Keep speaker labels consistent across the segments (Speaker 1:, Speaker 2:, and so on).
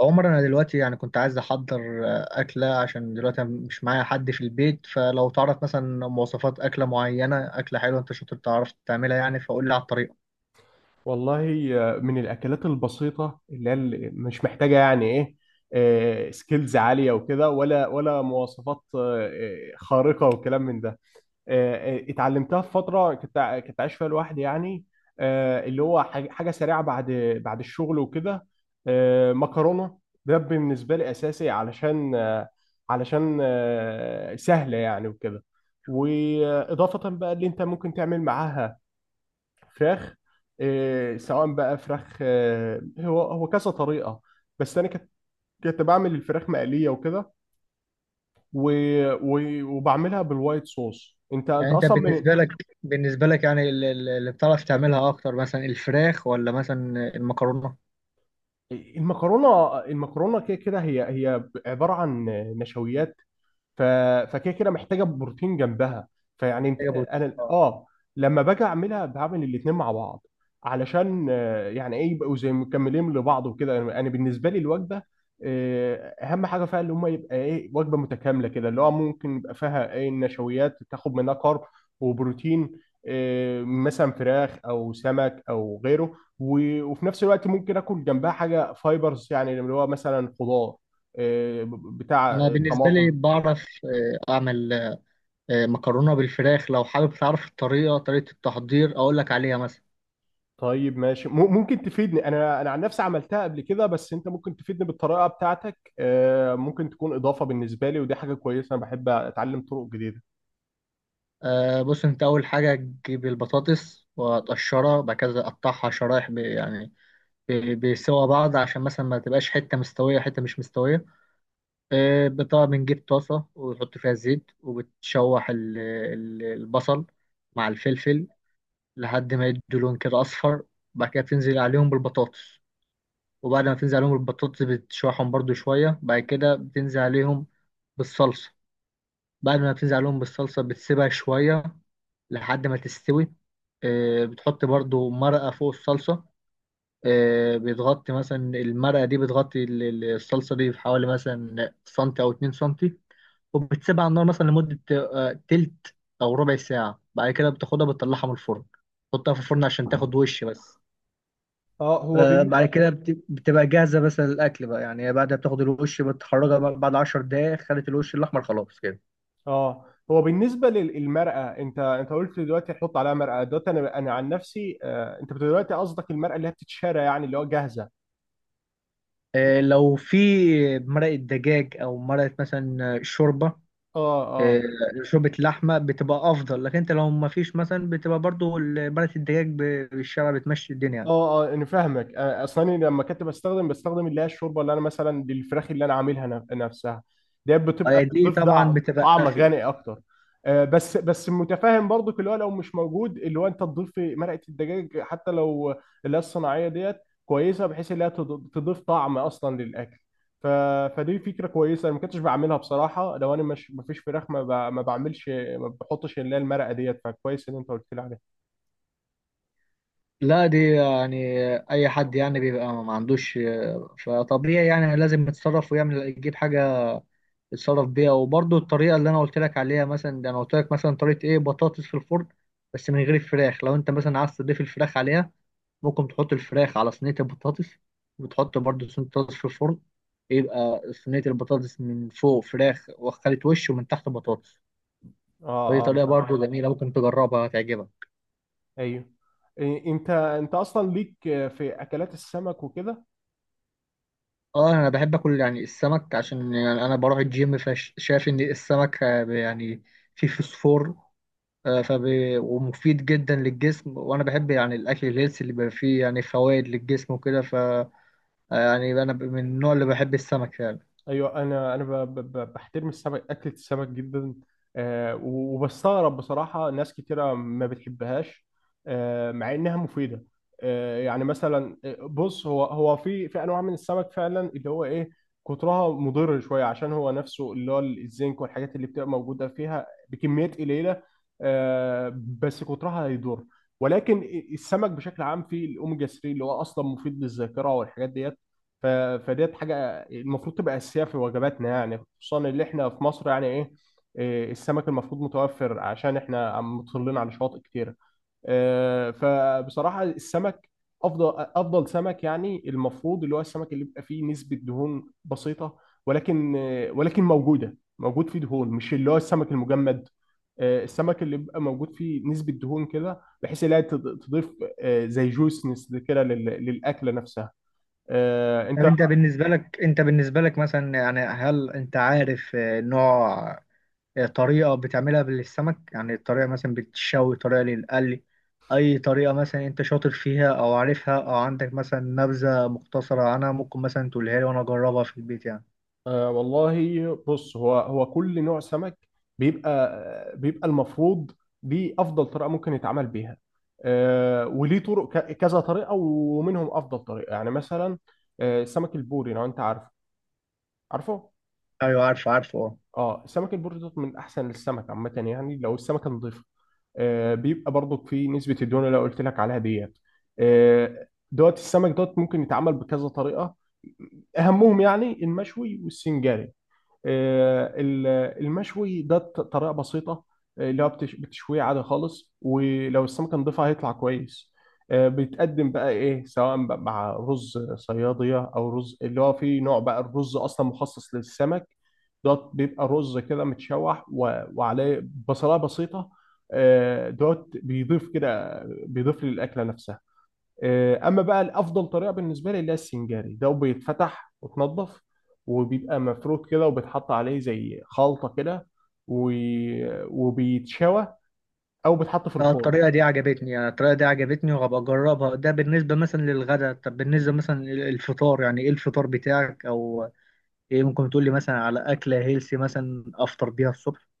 Speaker 1: عمر، انا دلوقتي يعني كنت عايز احضر اكله. عشان دلوقتي أنا مش معايا حد في البيت، فلو تعرف مثلا مواصفات اكله معينه اكله حلوه انت شاطر تعرف تعملها يعني فقول لي على الطريقه.
Speaker 2: والله. من الأكلات البسيطة اللي هي اللي مش محتاجة يعني إيه سكيلز عالية وكده ولا مواصفات خارقة وكلام من ده. اتعلمتها في فترة كنت عايش فيها لوحدي يعني. اللي هو حاجة سريعة بعد الشغل وكده. مكرونة، ده بالنسبة لي أساسي، علشان سهلة يعني وكده. وإضافة بقى اللي أنت ممكن تعمل معاها فراخ. سواء بقى فراخ، هو كذا طريقة. بس أنا كنت بعمل الفراخ مقلية وكده، و... وبعملها بالوايت صوص. أنت
Speaker 1: يعني انت
Speaker 2: أصلا من
Speaker 1: بالنسبه لك يعني اللي بتعرف تعملها اكتر مثلا الفراخ ولا مثلا المكرونه؟
Speaker 2: المكرونة. المكرونة كده كده هي عبارة عن نشويات، ف... فكده محتاجه بروتين جنبها. فيعني انت
Speaker 1: محتاجه بروتين
Speaker 2: انا
Speaker 1: اه.
Speaker 2: اه، لما باجي اعملها بعمل الاتنين مع بعض علشان يعني ايه يبقوا زي مكملين لبعض وكده. أنا بالنسبه لي الوجبه آه، اهم حاجه فيها اللي هم يبقى ايه وجبه متكامله كده، اللي هو ممكن يبقى فيها ايه النشويات تاخد منها كارب وبروتين، مثلا فراخ او سمك او غيره. وفي نفس الوقت ممكن اكل جنبها حاجه فايبرز، يعني اللي هو مثلا خضار، بتاع
Speaker 1: انا بالنسبه لي
Speaker 2: طماطم.
Speaker 1: بعرف، اعمل مكرونه بالفراخ. لو حابب تعرف الطريقه، طريقه التحضير اقول لك عليها مثلا.
Speaker 2: طيب ماشي، ممكن تفيدني. انا عن نفسي عملتها قبل كده، بس انت ممكن تفيدني بالطريقه بتاعتك، ممكن تكون اضافه بالنسبه لي، ودي حاجه كويسه، انا بحب اتعلم طرق جديده.
Speaker 1: بص، انت اول حاجه تجيب البطاطس وتقشرها، بعد كده تقطعها شرايح بسوا بعض عشان مثلا ما تبقاش حته مستويه حته مش مستويه. طبعا بنجيب طاسه وتحط فيها زيت وبتشوح البصل مع الفلفل لحد ما يدوا لون كده اصفر. بعد كده بتنزل عليهم بالبطاطس، وبعد ما تنزل عليهم بالبطاطس بتشوحهم برضو شويه، بعد كده بتنزل عليهم بالصلصه. بعد ما بتنزل عليهم بالصلصه بتسيبها شويه لحد ما تستوي. بتحط برضو مرقة فوق الصلصة. بتغطي مثلا المرقة دي، بتغطي الصلصة دي بحوالي مثلا سنتي أو 2 سنتي، وبتسيبها على النار مثلا لمدة تلت أو ربع ساعة. بعد كده بتاخدها بتطلعها من الفرن، تحطها في الفرن عشان تاخد وش بس.
Speaker 2: اه،
Speaker 1: بعد كده بتبقى جاهزة مثلا للأكل بقى، يعني بعد ما بتاخد الوش بتخرجها بقى بعد 10 دقايق، خدت الوش الأحمر خلاص كده.
Speaker 2: اه هو بالنسبه للمرأة، انت قلت دلوقتي هتحط عليها مرأة. دلوقتي انا عن نفسي، انت دلوقتي قصدك المرأة اللي هي بتتشرى، يعني اللي هو جاهزه؟
Speaker 1: لو في مرقة دجاج أو مرقة مثلا شوربة،
Speaker 2: اه
Speaker 1: آه، شوربة اللحمة بتبقى أفضل. لكن أنت لو ما فيش مثلا بتبقى برضو بلد الدجاج بالشارع بتمشي
Speaker 2: اه
Speaker 1: الدنيا.
Speaker 2: اه انا فاهمك. اصلا أنا لما كنت بستخدم اللي هي الشوربه، اللي انا مثلا للفراخ اللي انا عاملها، نفسها دي بتبقى
Speaker 1: دي
Speaker 2: بتضيف
Speaker 1: طبعا بتبقى
Speaker 2: طعم
Speaker 1: أفيد.
Speaker 2: غني اكتر. بس متفاهم برضو، اللي هو لو مش موجود، اللي هو انت تضيف مرقه الدجاج، حتى لو اللي هي الصناعيه ديت كويسه، بحيث اللي هي تضيف طعم اصلا للاكل. ف... فدي فكره كويسه، انا ما كنتش بعملها بصراحه. لو انا مش، ما فيش فراخ، ما, ما بعملش، ما بحطش اللي هي المرقه ديت. فكويس ان انت قلت لي عليها.
Speaker 1: لا دي يعني اي حد يعني بيبقى ما عندوش، فطبيعي يعني لازم يتصرف ويعمل يجيب حاجه يتصرف بيها. وبرضه الطريقه اللي انا قلت لك عليها مثلا، ده انا قلت لك مثلا طريقه ايه؟ بطاطس في الفرن بس من غير الفراخ. لو انت مثلا عايز تضيف الفراخ عليها ممكن تحط الفراخ على صينية البطاطس، وتحط برضو صينية البطاطس في الفرن، يبقى صينية البطاطس من فوق فراخ وخلت وش، ومن تحت بطاطس. ودي
Speaker 2: اه
Speaker 1: طريقة
Speaker 2: اه.
Speaker 1: برضو جميلة ممكن تجربها، هتعجبك.
Speaker 2: ايوه، انت اصلا ليك في اكلات السمك وكده؟
Speaker 1: اه انا بحب اكل يعني السمك، عشان يعني انا بروح الجيم فشايف ان السمك يعني فيه فوسفور. آه، فب... ومفيد جدا للجسم. وانا بحب يعني الاكل الهيلثي اللي بيبقى فيه يعني فوائد للجسم وكده، ف آه، يعني انا من النوع اللي بحب السمك يعني.
Speaker 2: ايوه، انا بحترم السمك، اكله السمك جدا. وبستغرب بصراحه ناس كتيره ما بتحبهاش، مع انها مفيده. آه، يعني مثلا آه، بص، هو في انواع من السمك فعلا، اللي هو ايه، كترها مضر شويه، عشان هو نفسه اللي هو الزنك والحاجات اللي بتبقى موجوده فيها بكميات قليله، آه، بس كترها هيضر. ولكن السمك بشكل عام فيه الاوميجا 3، اللي هو اصلا مفيد للذاكره والحاجات ديت. ف- فديت حاجه المفروض تبقى أساسية في وجباتنا، يعني خصوصا اللي احنا في مصر، يعني ايه، السمك المفروض متوفر، عشان احنا عم مطلين على شواطئ كتيرة. فبصراحة السمك، أفضل سمك يعني المفروض اللي هو السمك اللي بيبقى فيه نسبة دهون بسيطة، ولكن موجود فيه دهون، مش اللي هو السمك المجمد. السمك اللي بيبقى موجود فيه نسبة دهون كده، بحيث إنها تضيف زي جوسنس كده للأكلة نفسها. آه،
Speaker 1: طب
Speaker 2: أنت
Speaker 1: انت بالنسبة لك مثلا، يعني هل انت عارف نوع، طريقة بتعملها للسمك؟ يعني طريقة مثلا بتشوي، طريقة للقلي، اي طريقة مثلا انت شاطر فيها او عارفها او عندك مثلا نبذة مختصرة عنها ممكن مثلا تقولها لي وانا اجربها في البيت يعني.
Speaker 2: آه والله بص، هو كل نوع سمك بيبقى، المفروض دي افضل طريقه ممكن يتعمل بيها. آه وليه طرق، كذا طريقه، ومنهم افضل طريقه. يعني مثلا، آه سمك البوري، لو انت عارفه عارفه؟
Speaker 1: ايوه، عارفه عارفه اه.
Speaker 2: اه سمك البوري دوت من احسن السمك عامه، يعني لو السمكه نضيفه آه بيبقى برضو في نسبه الدهون اللي أنا قلت لك عليها ديت. آه دوت السمك دوت ممكن يتعمل بكذا طريقه، اهمهم يعني المشوي والسنجاري. آه، ال- المشوي ده طريقة بسيطة، اللي هو بتشويه عادي خالص، ولو السمكة نضيفها هيطلع كويس. بيتقدم بقى ايه، سواء بقى مع رز صيادية او رز اللي هو فيه نوع، بقى الرز اصلا مخصص للسمك دوت، بيبقى رز كده متشوح وعليه بصلاية بسيطة. دوت بيضيف كده، بيضيف للأكلة نفسها. اما بقى الافضل طريقه بالنسبه لي اللي هي السنجاري، ده بيتفتح وتنضف وبيبقى مفروض كده، وبيتحط عليه زي خلطه كده، و... وبيتشوى او بيتحط في
Speaker 1: اه
Speaker 2: الفرن.
Speaker 1: الطريقة دي عجبتني، يعني الطريقة دي عجبتني وهبقى اجربها. ده بالنسبة مثلا للغدا. طب بالنسبة مثلا للفطار يعني ايه الفطار بتاعك؟ او ايه ممكن تقول لي مثلا على اكلة هيلسي مثلا افطر بيها الصبح؟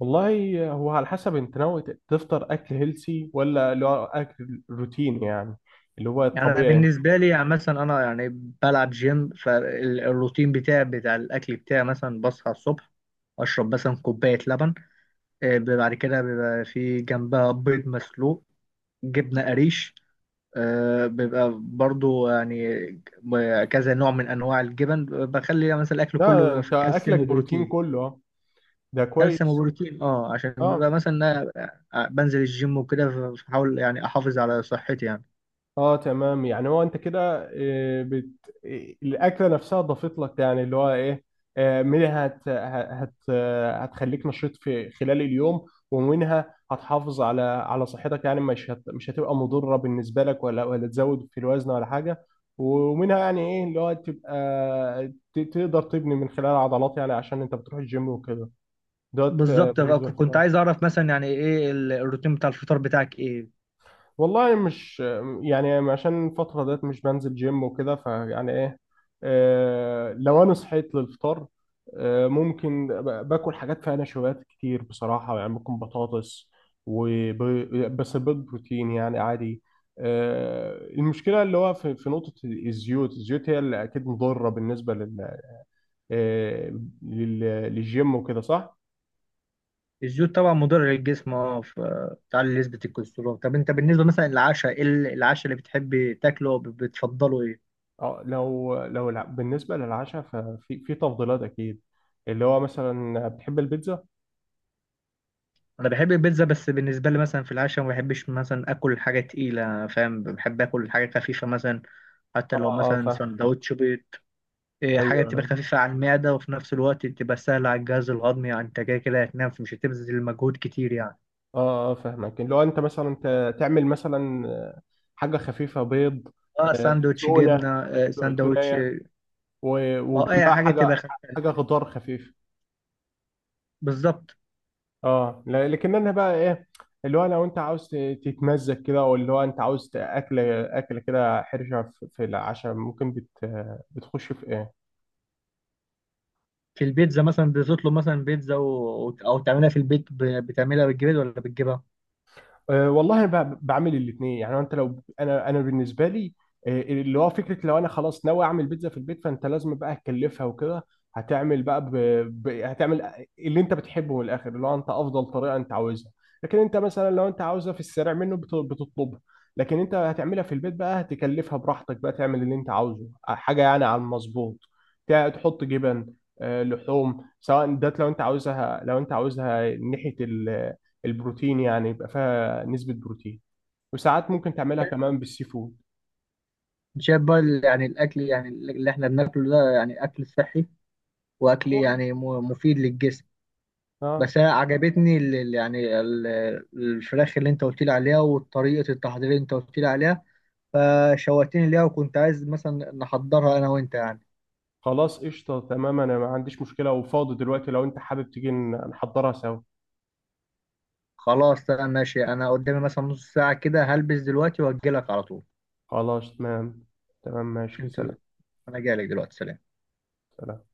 Speaker 2: والله هو على حسب انت ناوي تفطر اكل هيلسي، ولا اللي هو اكل روتين، يعني اللي هو
Speaker 1: يعني أنا
Speaker 2: الطبيعي.
Speaker 1: بالنسبة لي يعني مثلا أنا يعني بلعب جيم، فالروتين بتاعي بتاع الأكل بتاعي مثلا بصحى الصبح أشرب مثلا كوباية لبن. بيبقى بعد كده بيبقى في جنبها بيض مسلوق، جبنة قريش. بيبقى برضو يعني كذا نوع من أنواع الجبن، بخلي مثلا الأكل كله
Speaker 2: لا
Speaker 1: بيبقى
Speaker 2: انت
Speaker 1: فيه
Speaker 2: اكلك
Speaker 1: كالسيوم
Speaker 2: بروتين
Speaker 1: وبروتين.
Speaker 2: كله آه. ده
Speaker 1: كالسيوم
Speaker 2: كويس.
Speaker 1: وبروتين اه، عشان
Speaker 2: اه
Speaker 1: بيبقى مثلا بنزل الجيم وكده، فبحاول يعني أحافظ على صحتي يعني.
Speaker 2: اه تمام. يعني هو انت كده، آه، بت... آه، الاكله نفسها ضافت لك، يعني اللي هو ايه، منها هت... هت... آه، هتخليك نشيط في خلال اليوم، ومنها هتحافظ على صحتك، يعني مش هتبقى مضره بالنسبه لك، ولا تزود في الوزن ولا حاجه. ومنها يعني ايه، اللي هو تبقى تقدر تبني من خلال عضلات، يعني عشان انت بتروح الجيم وكده. دوت
Speaker 1: بالظبط بقى،
Speaker 2: بالنسبه
Speaker 1: كنت
Speaker 2: للفطار.
Speaker 1: عايز اعرف مثلا يعني ايه الروتين بتاع الفطار بتاعك ايه؟
Speaker 2: والله مش يعني عشان الفترة ديت مش بنزل جيم وكده، فيعني ايه، آه لو انا صحيت للفطار، آه ممكن باكل حاجات فيها نشويات كتير بصراحة، يعني ممكن بطاطس بس بيض بروتين يعني عادي. آه المشكلة اللي هو في, في نقطة الزيوت، هي اللي اكيد مضرة بالنسبة لل, آه لل للجيم وكده، صح؟
Speaker 1: الزيوت طبعا مضر للجسم اه، بتعلي نسبة الكوليسترول. طب انت بالنسبة مثلا للعشاء، ايه العشاء اللي بتحب تاكله أو بتفضله ايه؟
Speaker 2: اه لو لو بالنسبة للعشاء، ففي في تفضيلات أكيد، اللي هو مثلا بتحب البيتزا؟
Speaker 1: انا بحب البيتزا، بس بالنسبة لي مثلا في العشاء ما بحبش مثلا اكل حاجة تقيلة، فاهم؟ بحب اكل حاجة خفيفة مثلا، حتى
Speaker 2: اه
Speaker 1: لو
Speaker 2: اه
Speaker 1: مثلا
Speaker 2: فاهم.
Speaker 1: سندوتش بيض. حاجة
Speaker 2: أيوه
Speaker 1: تبقى
Speaker 2: أنا
Speaker 1: خفيفة على المعدة وفي نفس الوقت تبقى سهلة على الجهاز الهضمي، يعني انت كده كده هتنام مش هتبذل مجهود كتير يعني.
Speaker 2: اه اه فاهمك، اللي هو أنت مثلا تعمل مثلا، حاجة خفيفة، بيض،
Speaker 1: اه ساندوتش
Speaker 2: تونة،
Speaker 1: جبنة، ساندوتش.
Speaker 2: تونية،
Speaker 1: اه اي
Speaker 2: وجنبها
Speaker 1: حاجه
Speaker 2: حاجة،
Speaker 1: تبقى
Speaker 2: حاجة خضار خفيف.
Speaker 1: بالظبط.
Speaker 2: اه لكن أنا بقى إيه، اللي هو لو أنت عاوز تتمزج كده، أو اللي هو أنت عاوز أكل كده حرشة في في العشاء، ممكن بتخش في إيه؟
Speaker 1: في البيتزا مثلا بتطلب مثلا بيتزا او تعملها في البيت، بتعملها بالجبن ولا بتجيبها؟
Speaker 2: أه والله بعمل الاثنين. يعني انت لو انا، بالنسبه لي أه، اللي هو فكره لو انا خلاص ناوي اعمل بيتزا في البيت، فانت لازم بقى تكلفها وكده. هتعمل بقى هتعمل اللي انت بتحبه من الاخر، اللي هو انت افضل طريقه انت عاوزها. لكن انت مثلا لو انت عاوزها في السريع منه، بتطلبها. لكن انت هتعملها في البيت بقى، هتكلفها براحتك، بقى تعمل اللي انت عاوزه، حاجه يعني على المظبوط. تحط جبن، أه، لحوم، سواء ده لو انت عاوزها، لو انت عاوزها ناحيه البروتين، يعني يبقى فيها نسبة بروتين. وساعات ممكن تعملها كمان بالسي فود.
Speaker 1: شايف بقى يعني الاكل يعني اللي احنا بناكله ده يعني اكل صحي، واكل
Speaker 2: هو
Speaker 1: يعني مفيد للجسم.
Speaker 2: اه،
Speaker 1: بس انا عجبتني الفراخ اللي انت قلت لي عليها وطريقه التحضير اللي انت قلت لي عليها، فشوقتني ليها وكنت عايز مثلا نحضرها انا وانت يعني.
Speaker 2: خلاص قشطة تمام، انا ما عنديش مشكلة وفاضي دلوقتي، لو انت حابب تيجي نحضرها سوا.
Speaker 1: خلاص انا ماشي، انا قدامي مثلا نص ساعه كده، هلبس دلوقتي واجي لك على طول.
Speaker 2: خلاص تمام. تمام ماشي،
Speaker 1: عشان انت-
Speaker 2: سلام.
Speaker 1: انا جاي لك دلوقتي، سلام.
Speaker 2: سلام.